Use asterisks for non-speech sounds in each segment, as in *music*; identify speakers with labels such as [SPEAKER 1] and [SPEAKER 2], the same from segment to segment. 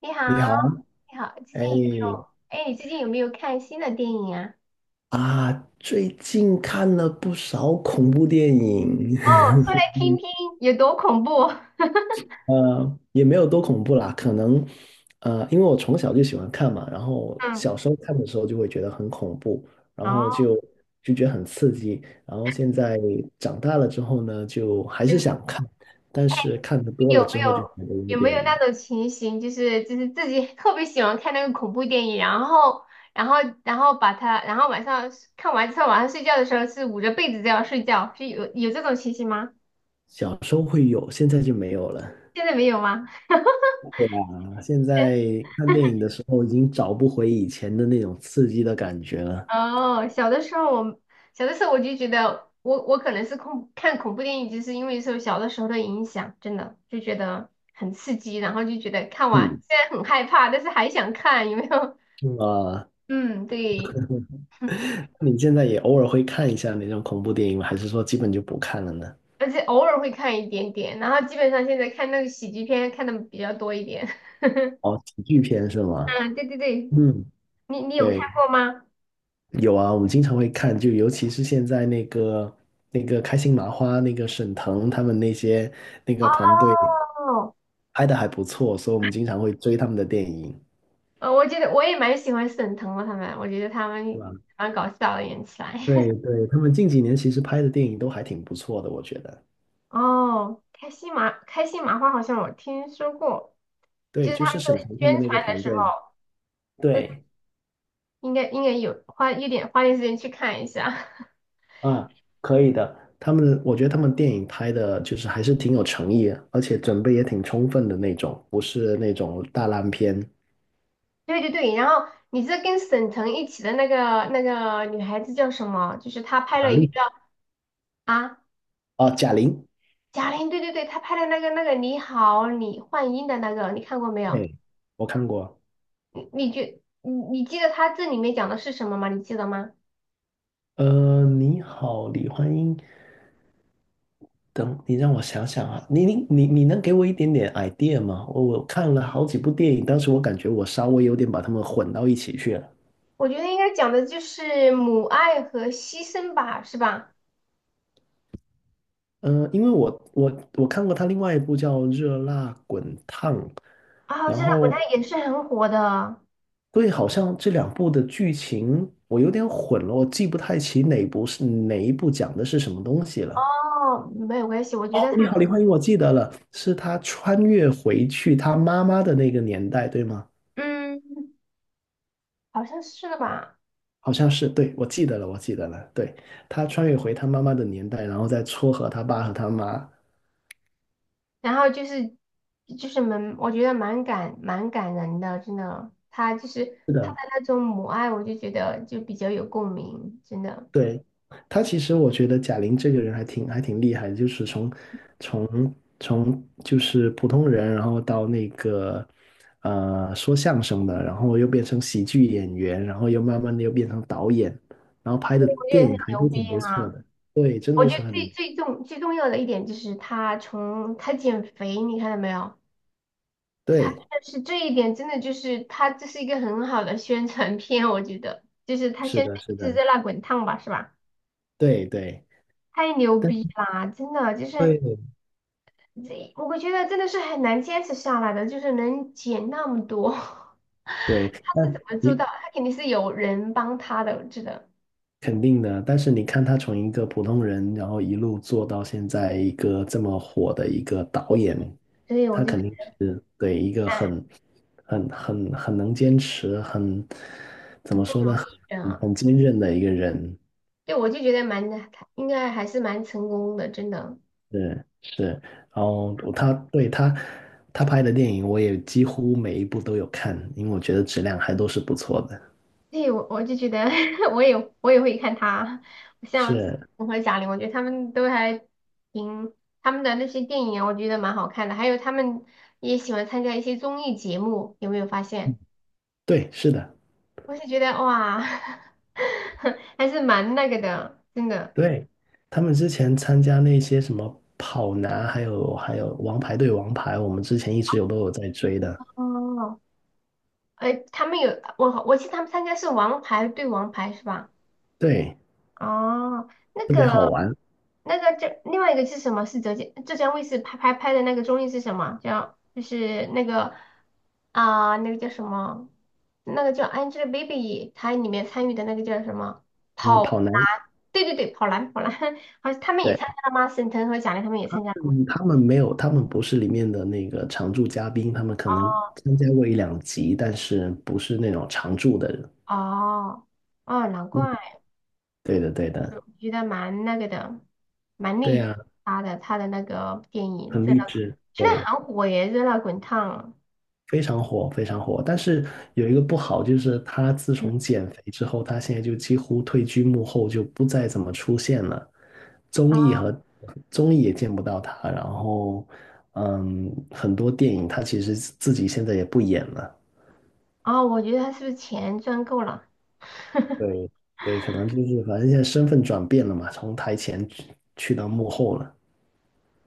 [SPEAKER 1] 你好，
[SPEAKER 2] 你好。
[SPEAKER 1] 你好，最
[SPEAKER 2] 哎
[SPEAKER 1] 近有没有？哎，你最近有没有看新的电影啊？
[SPEAKER 2] 啊，最近看了不少恐怖电影。
[SPEAKER 1] 哦，说来听听，有多恐怖？*laughs*
[SPEAKER 2] *laughs* 也没有多恐怖啦，可能因为我从小就喜欢看嘛，然后
[SPEAKER 1] 嗯，
[SPEAKER 2] 小时候看的时候就会觉得很恐怖，然后
[SPEAKER 1] 哦，
[SPEAKER 2] 就觉得很刺激，然后现在长大了之后呢，就还是
[SPEAKER 1] 嗯
[SPEAKER 2] 想看，但是看的多
[SPEAKER 1] 有
[SPEAKER 2] 了
[SPEAKER 1] 没
[SPEAKER 2] 之后就觉
[SPEAKER 1] 有
[SPEAKER 2] 得有
[SPEAKER 1] 有没有
[SPEAKER 2] 点。
[SPEAKER 1] 那种情形，就是自己 *laughs* 特别喜欢看那个恐怖电影，然后然后把它，然后晚上看完之后，晚上睡觉的时候是捂着被子这样睡觉，是有这种情形吗？
[SPEAKER 2] 小时候会有，现在就没有了。
[SPEAKER 1] 现在没有吗？*laughs*
[SPEAKER 2] 啊现在看电影的时候已经找不回以前的那种刺激的感觉了。
[SPEAKER 1] 哦，小的时候我就觉得我可能是恐看恐怖电影，就是因为受小的时候的影响，真的就觉得很刺激，然后就觉得看完
[SPEAKER 2] 嗯，
[SPEAKER 1] 虽然很害怕，但是还想看，有没有？
[SPEAKER 2] 啊，
[SPEAKER 1] *laughs* 嗯，对，*laughs*
[SPEAKER 2] 你现在也偶尔会看一下那种恐怖电影吗？还是说基本就不看了呢？
[SPEAKER 1] 而且偶尔会看一点点，然后基本上现在看那个喜剧片看的比较多一点。*laughs*
[SPEAKER 2] 哦，喜剧片是吗？
[SPEAKER 1] 嗯，对对对，
[SPEAKER 2] 嗯，
[SPEAKER 1] 你有看
[SPEAKER 2] 对，
[SPEAKER 1] 过吗？
[SPEAKER 2] 有啊，我们经常会看，就尤其是现在那个那个开心麻花、那个沈腾他们那些那个团队
[SPEAKER 1] 哦，
[SPEAKER 2] 拍的还不错，所以我们经常会追他们的电影。
[SPEAKER 1] 我觉得我也蛮喜欢沈腾的他们，我觉得他
[SPEAKER 2] 对吧？
[SPEAKER 1] 们蛮搞笑的演起来。
[SPEAKER 2] 对
[SPEAKER 1] *laughs*
[SPEAKER 2] 对，他们近几年其实拍的电影都还挺不错的，我觉得。
[SPEAKER 1] 哦，开心麻花好像我听说过，就
[SPEAKER 2] 对，
[SPEAKER 1] 是
[SPEAKER 2] 就
[SPEAKER 1] 他
[SPEAKER 2] 是
[SPEAKER 1] 们在
[SPEAKER 2] 沈腾他
[SPEAKER 1] 宣
[SPEAKER 2] 们那个
[SPEAKER 1] 传的
[SPEAKER 2] 团
[SPEAKER 1] 时候，
[SPEAKER 2] 队嘛。
[SPEAKER 1] 对，
[SPEAKER 2] 对，
[SPEAKER 1] 应该有花点时间去看一下。*laughs*
[SPEAKER 2] 啊，可以的。他们，我觉得他们电影拍的就是还是挺有诚意，而且准备也挺充分的那种，不是那种大烂片。
[SPEAKER 1] 对对对，然后你这跟沈腾一起的那个女孩子叫什么？就是她拍
[SPEAKER 2] 哪
[SPEAKER 1] 了一个
[SPEAKER 2] 里？
[SPEAKER 1] 叫啊
[SPEAKER 2] 哦，贾玲。
[SPEAKER 1] 贾玲，对对对，她拍的那个你好李焕英的那个，你看过没有？
[SPEAKER 2] 哎，我看过。
[SPEAKER 1] 你你觉你你记得她这里面讲的是什么吗？你记得吗？
[SPEAKER 2] 呃，你好，李焕英。等你让我想想啊，你能给我一点点 idea 吗？我看了好几部电影，当时我感觉我稍微有点把它们混到一起去了。
[SPEAKER 1] 我觉得应该讲的就是母爱和牺牲吧，是吧？
[SPEAKER 2] 嗯，呃因为我看过他另外一部叫《热辣滚烫》，
[SPEAKER 1] 啊，
[SPEAKER 2] 然
[SPEAKER 1] 现在国
[SPEAKER 2] 后
[SPEAKER 1] 它也是很火的。
[SPEAKER 2] 对，好像这两部的剧情我有点混了，我记不太起哪部是哪一部讲的是什么东西了。
[SPEAKER 1] 哦，没有关系，我觉
[SPEAKER 2] 哦，
[SPEAKER 1] 得他，
[SPEAKER 2] 你好，李焕英，我记得了，是他穿越回去他妈妈的那个年代，对吗？
[SPEAKER 1] 嗯好像是吧。
[SPEAKER 2] 好像是，对，我记得了，我记得了，对，他穿越回他妈妈的年代，然后再撮合他爸和他妈。
[SPEAKER 1] 然后就是就是蛮，我觉得蛮感人的，真的。他就是他的那种母爱，我就觉得就比较有共鸣，真的，
[SPEAKER 2] 对，他其实我觉得贾玲这个人还挺还挺厉害的，就是从就是普通人，然后到那个呃说相声的，然后又变成喜剧演员，然后又慢慢的又变成导演，然后拍的
[SPEAKER 1] 我觉
[SPEAKER 2] 电
[SPEAKER 1] 得很
[SPEAKER 2] 影还
[SPEAKER 1] 牛
[SPEAKER 2] 都挺
[SPEAKER 1] 逼
[SPEAKER 2] 不错
[SPEAKER 1] 哈。
[SPEAKER 2] 的。对，真
[SPEAKER 1] 我
[SPEAKER 2] 的
[SPEAKER 1] 觉
[SPEAKER 2] 是
[SPEAKER 1] 得
[SPEAKER 2] 很
[SPEAKER 1] 最重要的一点就是他从他减肥，你看到没有？
[SPEAKER 2] 对，
[SPEAKER 1] 但是这一点真的就是他这是一个很好的宣传片，我觉得就是他
[SPEAKER 2] 是
[SPEAKER 1] 宣
[SPEAKER 2] 的，
[SPEAKER 1] 传一
[SPEAKER 2] 是的，
[SPEAKER 1] 直在那滚烫吧，是吧？
[SPEAKER 2] 对对，
[SPEAKER 1] 太牛
[SPEAKER 2] 但
[SPEAKER 1] 逼啦！真的就是
[SPEAKER 2] 对
[SPEAKER 1] 这，我觉得真的是很难坚持下来的，就是能减那么多，*laughs*
[SPEAKER 2] 对，
[SPEAKER 1] 他是怎
[SPEAKER 2] 但。
[SPEAKER 1] 么做到？他肯定是有人帮他的，真的。
[SPEAKER 2] 肯定的，但是你看他从一个普通人，然后一路做到现在一个这么火的一个导演，
[SPEAKER 1] 所以我
[SPEAKER 2] 他
[SPEAKER 1] 就
[SPEAKER 2] 肯定是对一个
[SPEAKER 1] 哎，
[SPEAKER 2] 很能坚持，很怎
[SPEAKER 1] 很
[SPEAKER 2] 么
[SPEAKER 1] 不
[SPEAKER 2] 说
[SPEAKER 1] 容
[SPEAKER 2] 呢，
[SPEAKER 1] 易
[SPEAKER 2] 很
[SPEAKER 1] 的。
[SPEAKER 2] 很坚韧的一个人。
[SPEAKER 1] 对，我就觉得蛮，应该还是蛮成功的，真的。
[SPEAKER 2] 是是，然后他对他他拍的电影，我也几乎每一部都有看，因为我觉得质量还都是不错的。
[SPEAKER 1] 对，我就觉得 *laughs* 我也我也会看他，像
[SPEAKER 2] 是，
[SPEAKER 1] 我和贾玲，我觉得他们都还挺他们的那些电影啊我觉得蛮好看的。还有他们也喜欢参加一些综艺节目，有没有发现？
[SPEAKER 2] 对，是的。
[SPEAKER 1] 我是觉得哇，*laughs* 还是蛮那个的，真的。
[SPEAKER 2] 对，他们之前参加那些什么跑男，还有王牌对王牌，我们之前一直都有在追的。
[SPEAKER 1] 哦，哎，他们有我记得他们参加是《王牌对王牌》是吧？
[SPEAKER 2] 对，
[SPEAKER 1] 哦，那个那个这另外一个是什么？是浙江卫视拍的那个综艺是什么？叫就是那个啊、那个叫什么？那个叫 Angelababy，她里面参与的那个叫什么？
[SPEAKER 2] 嗯、
[SPEAKER 1] 跑
[SPEAKER 2] 跑男，
[SPEAKER 1] 男，对对对，跑男跑男，*laughs* 好像他们也
[SPEAKER 2] 对，
[SPEAKER 1] 参加了吗？沈腾和贾玲他们也参加了吗？
[SPEAKER 2] 嗯，他们没有，他们不是里面的那个常驻嘉宾，他们可能
[SPEAKER 1] 哦
[SPEAKER 2] 参加过一两集，但是不是那种常驻的人。
[SPEAKER 1] 哦哦，难
[SPEAKER 2] 嗯，
[SPEAKER 1] 怪。
[SPEAKER 2] 对的，对
[SPEAKER 1] 我
[SPEAKER 2] 的，
[SPEAKER 1] 觉得蛮那个的，蛮
[SPEAKER 2] 对
[SPEAKER 1] 内
[SPEAKER 2] 呀、
[SPEAKER 1] 他的那个电影
[SPEAKER 2] 很
[SPEAKER 1] 《热
[SPEAKER 2] 励
[SPEAKER 1] 辣》，
[SPEAKER 2] 志，
[SPEAKER 1] 现在
[SPEAKER 2] 对，
[SPEAKER 1] 很火耶，《热辣滚烫》
[SPEAKER 2] 非常火，非常火。但是有一个不好，就是他自
[SPEAKER 1] 嗯，
[SPEAKER 2] 从减肥之后，他现在就几乎退居幕后，就不再怎么出现了。综艺
[SPEAKER 1] 啊
[SPEAKER 2] 和综艺也见不到他，然后嗯，很多电影他其实自己现在也不演了，
[SPEAKER 1] 啊！我觉得他是不是钱赚够了？
[SPEAKER 2] 对对，可能就是反正现在身份转变了嘛，从台前去去到幕后了，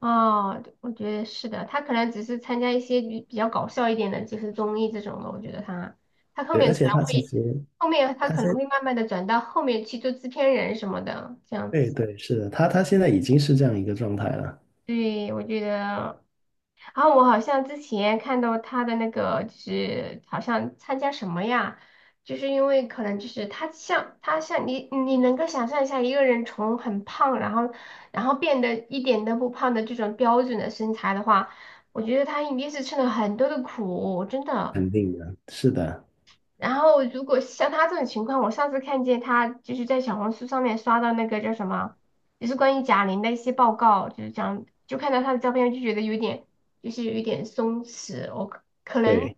[SPEAKER 1] 哦，我觉得是的，他可能只是参加一些比较搞笑一点的，就是综艺这种的。我觉得他他后
[SPEAKER 2] 对，而
[SPEAKER 1] 面可
[SPEAKER 2] 且
[SPEAKER 1] 能
[SPEAKER 2] 他其
[SPEAKER 1] 会，
[SPEAKER 2] 实
[SPEAKER 1] 后面他
[SPEAKER 2] 他
[SPEAKER 1] 可能
[SPEAKER 2] 现
[SPEAKER 1] 会慢慢的转到后面去做制片人什么的，这样
[SPEAKER 2] 对
[SPEAKER 1] 子。
[SPEAKER 2] 对是的，他现在已经是这样一个状态了。
[SPEAKER 1] 对，我觉得。然后我好像之前看到他的那个，就是好像参加什么呀？就是因为可能就是他像你，你能够想象一下一个人从很胖，然后然后变得一点都不胖的这种标准的身材的话，我觉得他一定是吃了很多的苦，真的。
[SPEAKER 2] 肯定的，是的，
[SPEAKER 1] 然后如果像他这种情况，我上次看见他就是在小红书上面刷到那个叫什么，就是关于贾玲的一些报告，就是讲就看到他的照片就觉得有点就是有一点松弛，我可能
[SPEAKER 2] 对。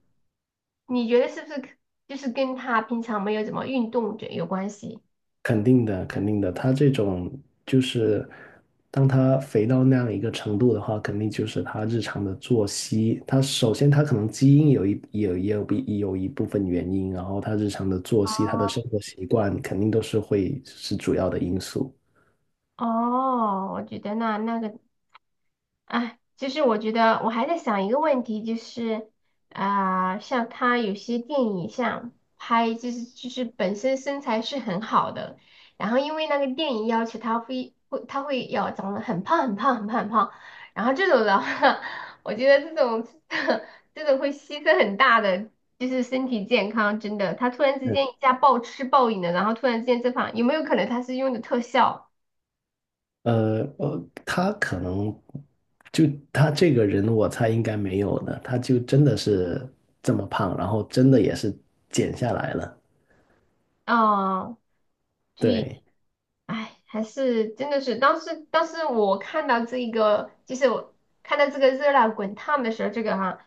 [SPEAKER 1] 你觉得是不是可就是跟他平常没有怎么运动这有关系？
[SPEAKER 2] 肯定的，肯定的，他这种就是当他肥到那样一个程度的话，肯定就是他日常的作息。他首先他可能基因有一有也有一部分原因，然后他日常的作息、他的生活习惯肯定都是会是主要的因素。
[SPEAKER 1] 哦，我觉得那那个啊，其实我觉得我还在想一个问题，就是啊、像他有些电影像拍，就是就是本身身材是很好的，然后因为那个电影要求他会要长得很胖，然后这种的话，*laughs* 我觉得这种 *laughs* 这种会牺牲很大的，就是身体健康，真的，他突然之间一下暴吃暴饮的，然后突然之间这胖，有没有可能他是用的特效
[SPEAKER 2] 他可能就他这个人，我猜应该没有的，他就真的是这么胖，然后真的也是减下来了。
[SPEAKER 1] 啊？对
[SPEAKER 2] 对，
[SPEAKER 1] 哎，还是真的是，当时我看到这一个，就是我看到这个热辣滚烫的时候，这个哈，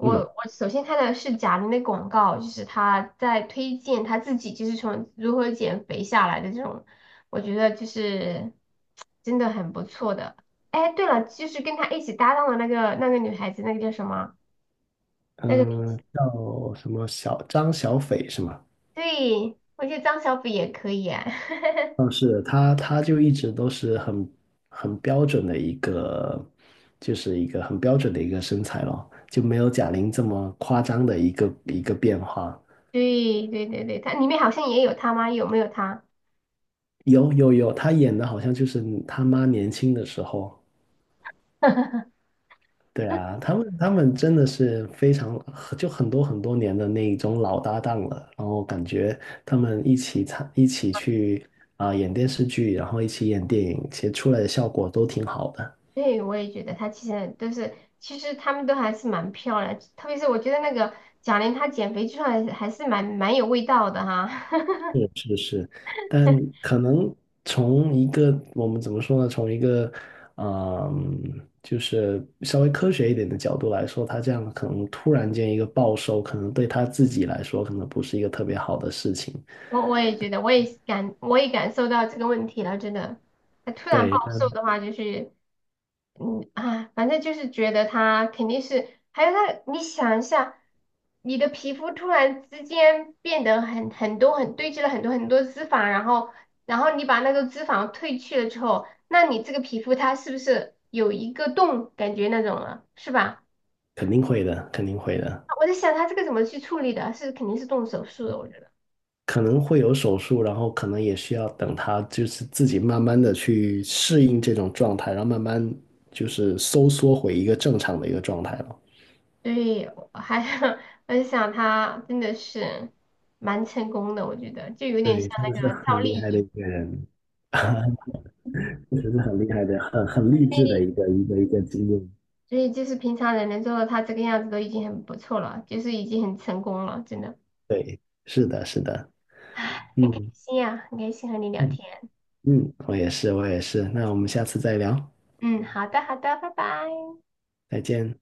[SPEAKER 2] 嗯。
[SPEAKER 1] 我首先看到的是贾玲的广告，就是她在推荐她自己，就是从如何减肥下来的这种，我觉得就是真的很不错的。哎，对了，就是跟她一起搭档的那个女孩子，那个叫什么？那个女
[SPEAKER 2] 嗯，叫什么小张小斐是吗？
[SPEAKER 1] 对，我觉得张小斐也可以啊。*laughs*
[SPEAKER 2] 嗯，是他，他就一直都是很标准的一个，就是一个很标准的一个身材咯，就没有贾玲这么夸张的一个变化。
[SPEAKER 1] 对对对对，她里面好像也有她吗？有没有她？
[SPEAKER 2] 有有有，他演的好像就是他妈年轻的时候，对啊，他们真的是非常就很多很多年的那一种老搭档了，然后感觉他们一起去啊、演电视剧，然后一起演电影，其实出来的效果都挺好的。
[SPEAKER 1] 对，我也觉得她其实都是，其实她们都还是蛮漂亮，特别是我觉得那个贾玲她减肥之后还是蛮有味道的哈。*laughs*
[SPEAKER 2] 但可能从一个我们怎么说呢，从一个嗯、就是稍微科学一点的角度来说，他这样可能突然间一个暴瘦，可能对他自己来说可能不是一个特别好的事情。
[SPEAKER 1] 我也觉得，我也感受到这个问题了，真的，她突然暴
[SPEAKER 2] 对，
[SPEAKER 1] 瘦
[SPEAKER 2] 但
[SPEAKER 1] 的话，就是嗯啊，反正就是觉得它肯定是，还有它，你想一下，你的皮肤突然之间变得很多,堆积了很多很多脂肪，然后然后你把那个脂肪褪去了之后，那你这个皮肤它是不是有一个洞感觉那种了，是吧？
[SPEAKER 2] 肯定会的，肯定会的。
[SPEAKER 1] 我在想它这个怎么去处理的，是肯定是动手术的，我觉得。
[SPEAKER 2] 可能会有手术，然后可能也需要等他就是自己慢慢的去适应这种状态，然后慢慢就是收缩回一个正常的一个状态了。
[SPEAKER 1] 对，我还 *laughs* 我在想它真的是蛮成功的，我觉得就有点
[SPEAKER 2] 对，
[SPEAKER 1] 像
[SPEAKER 2] 真
[SPEAKER 1] 那
[SPEAKER 2] 的是
[SPEAKER 1] 个赵
[SPEAKER 2] 很
[SPEAKER 1] 丽
[SPEAKER 2] 厉害的一
[SPEAKER 1] 颖。
[SPEAKER 2] 个人。*laughs* 确实是很厉害的，很很励志的一个经历。
[SPEAKER 1] 所以就是平常人能做到他这个样子都已经很不错了，就是已经很成功了，真的，
[SPEAKER 2] 对，是的，是的，
[SPEAKER 1] 唉，很开
[SPEAKER 2] 嗯
[SPEAKER 1] 心呀、很开心和你聊
[SPEAKER 2] 嗯
[SPEAKER 1] 天。
[SPEAKER 2] 嗯，我也是，我也是。那我们下次再聊，
[SPEAKER 1] 嗯，好的，好的，拜拜。
[SPEAKER 2] 再见。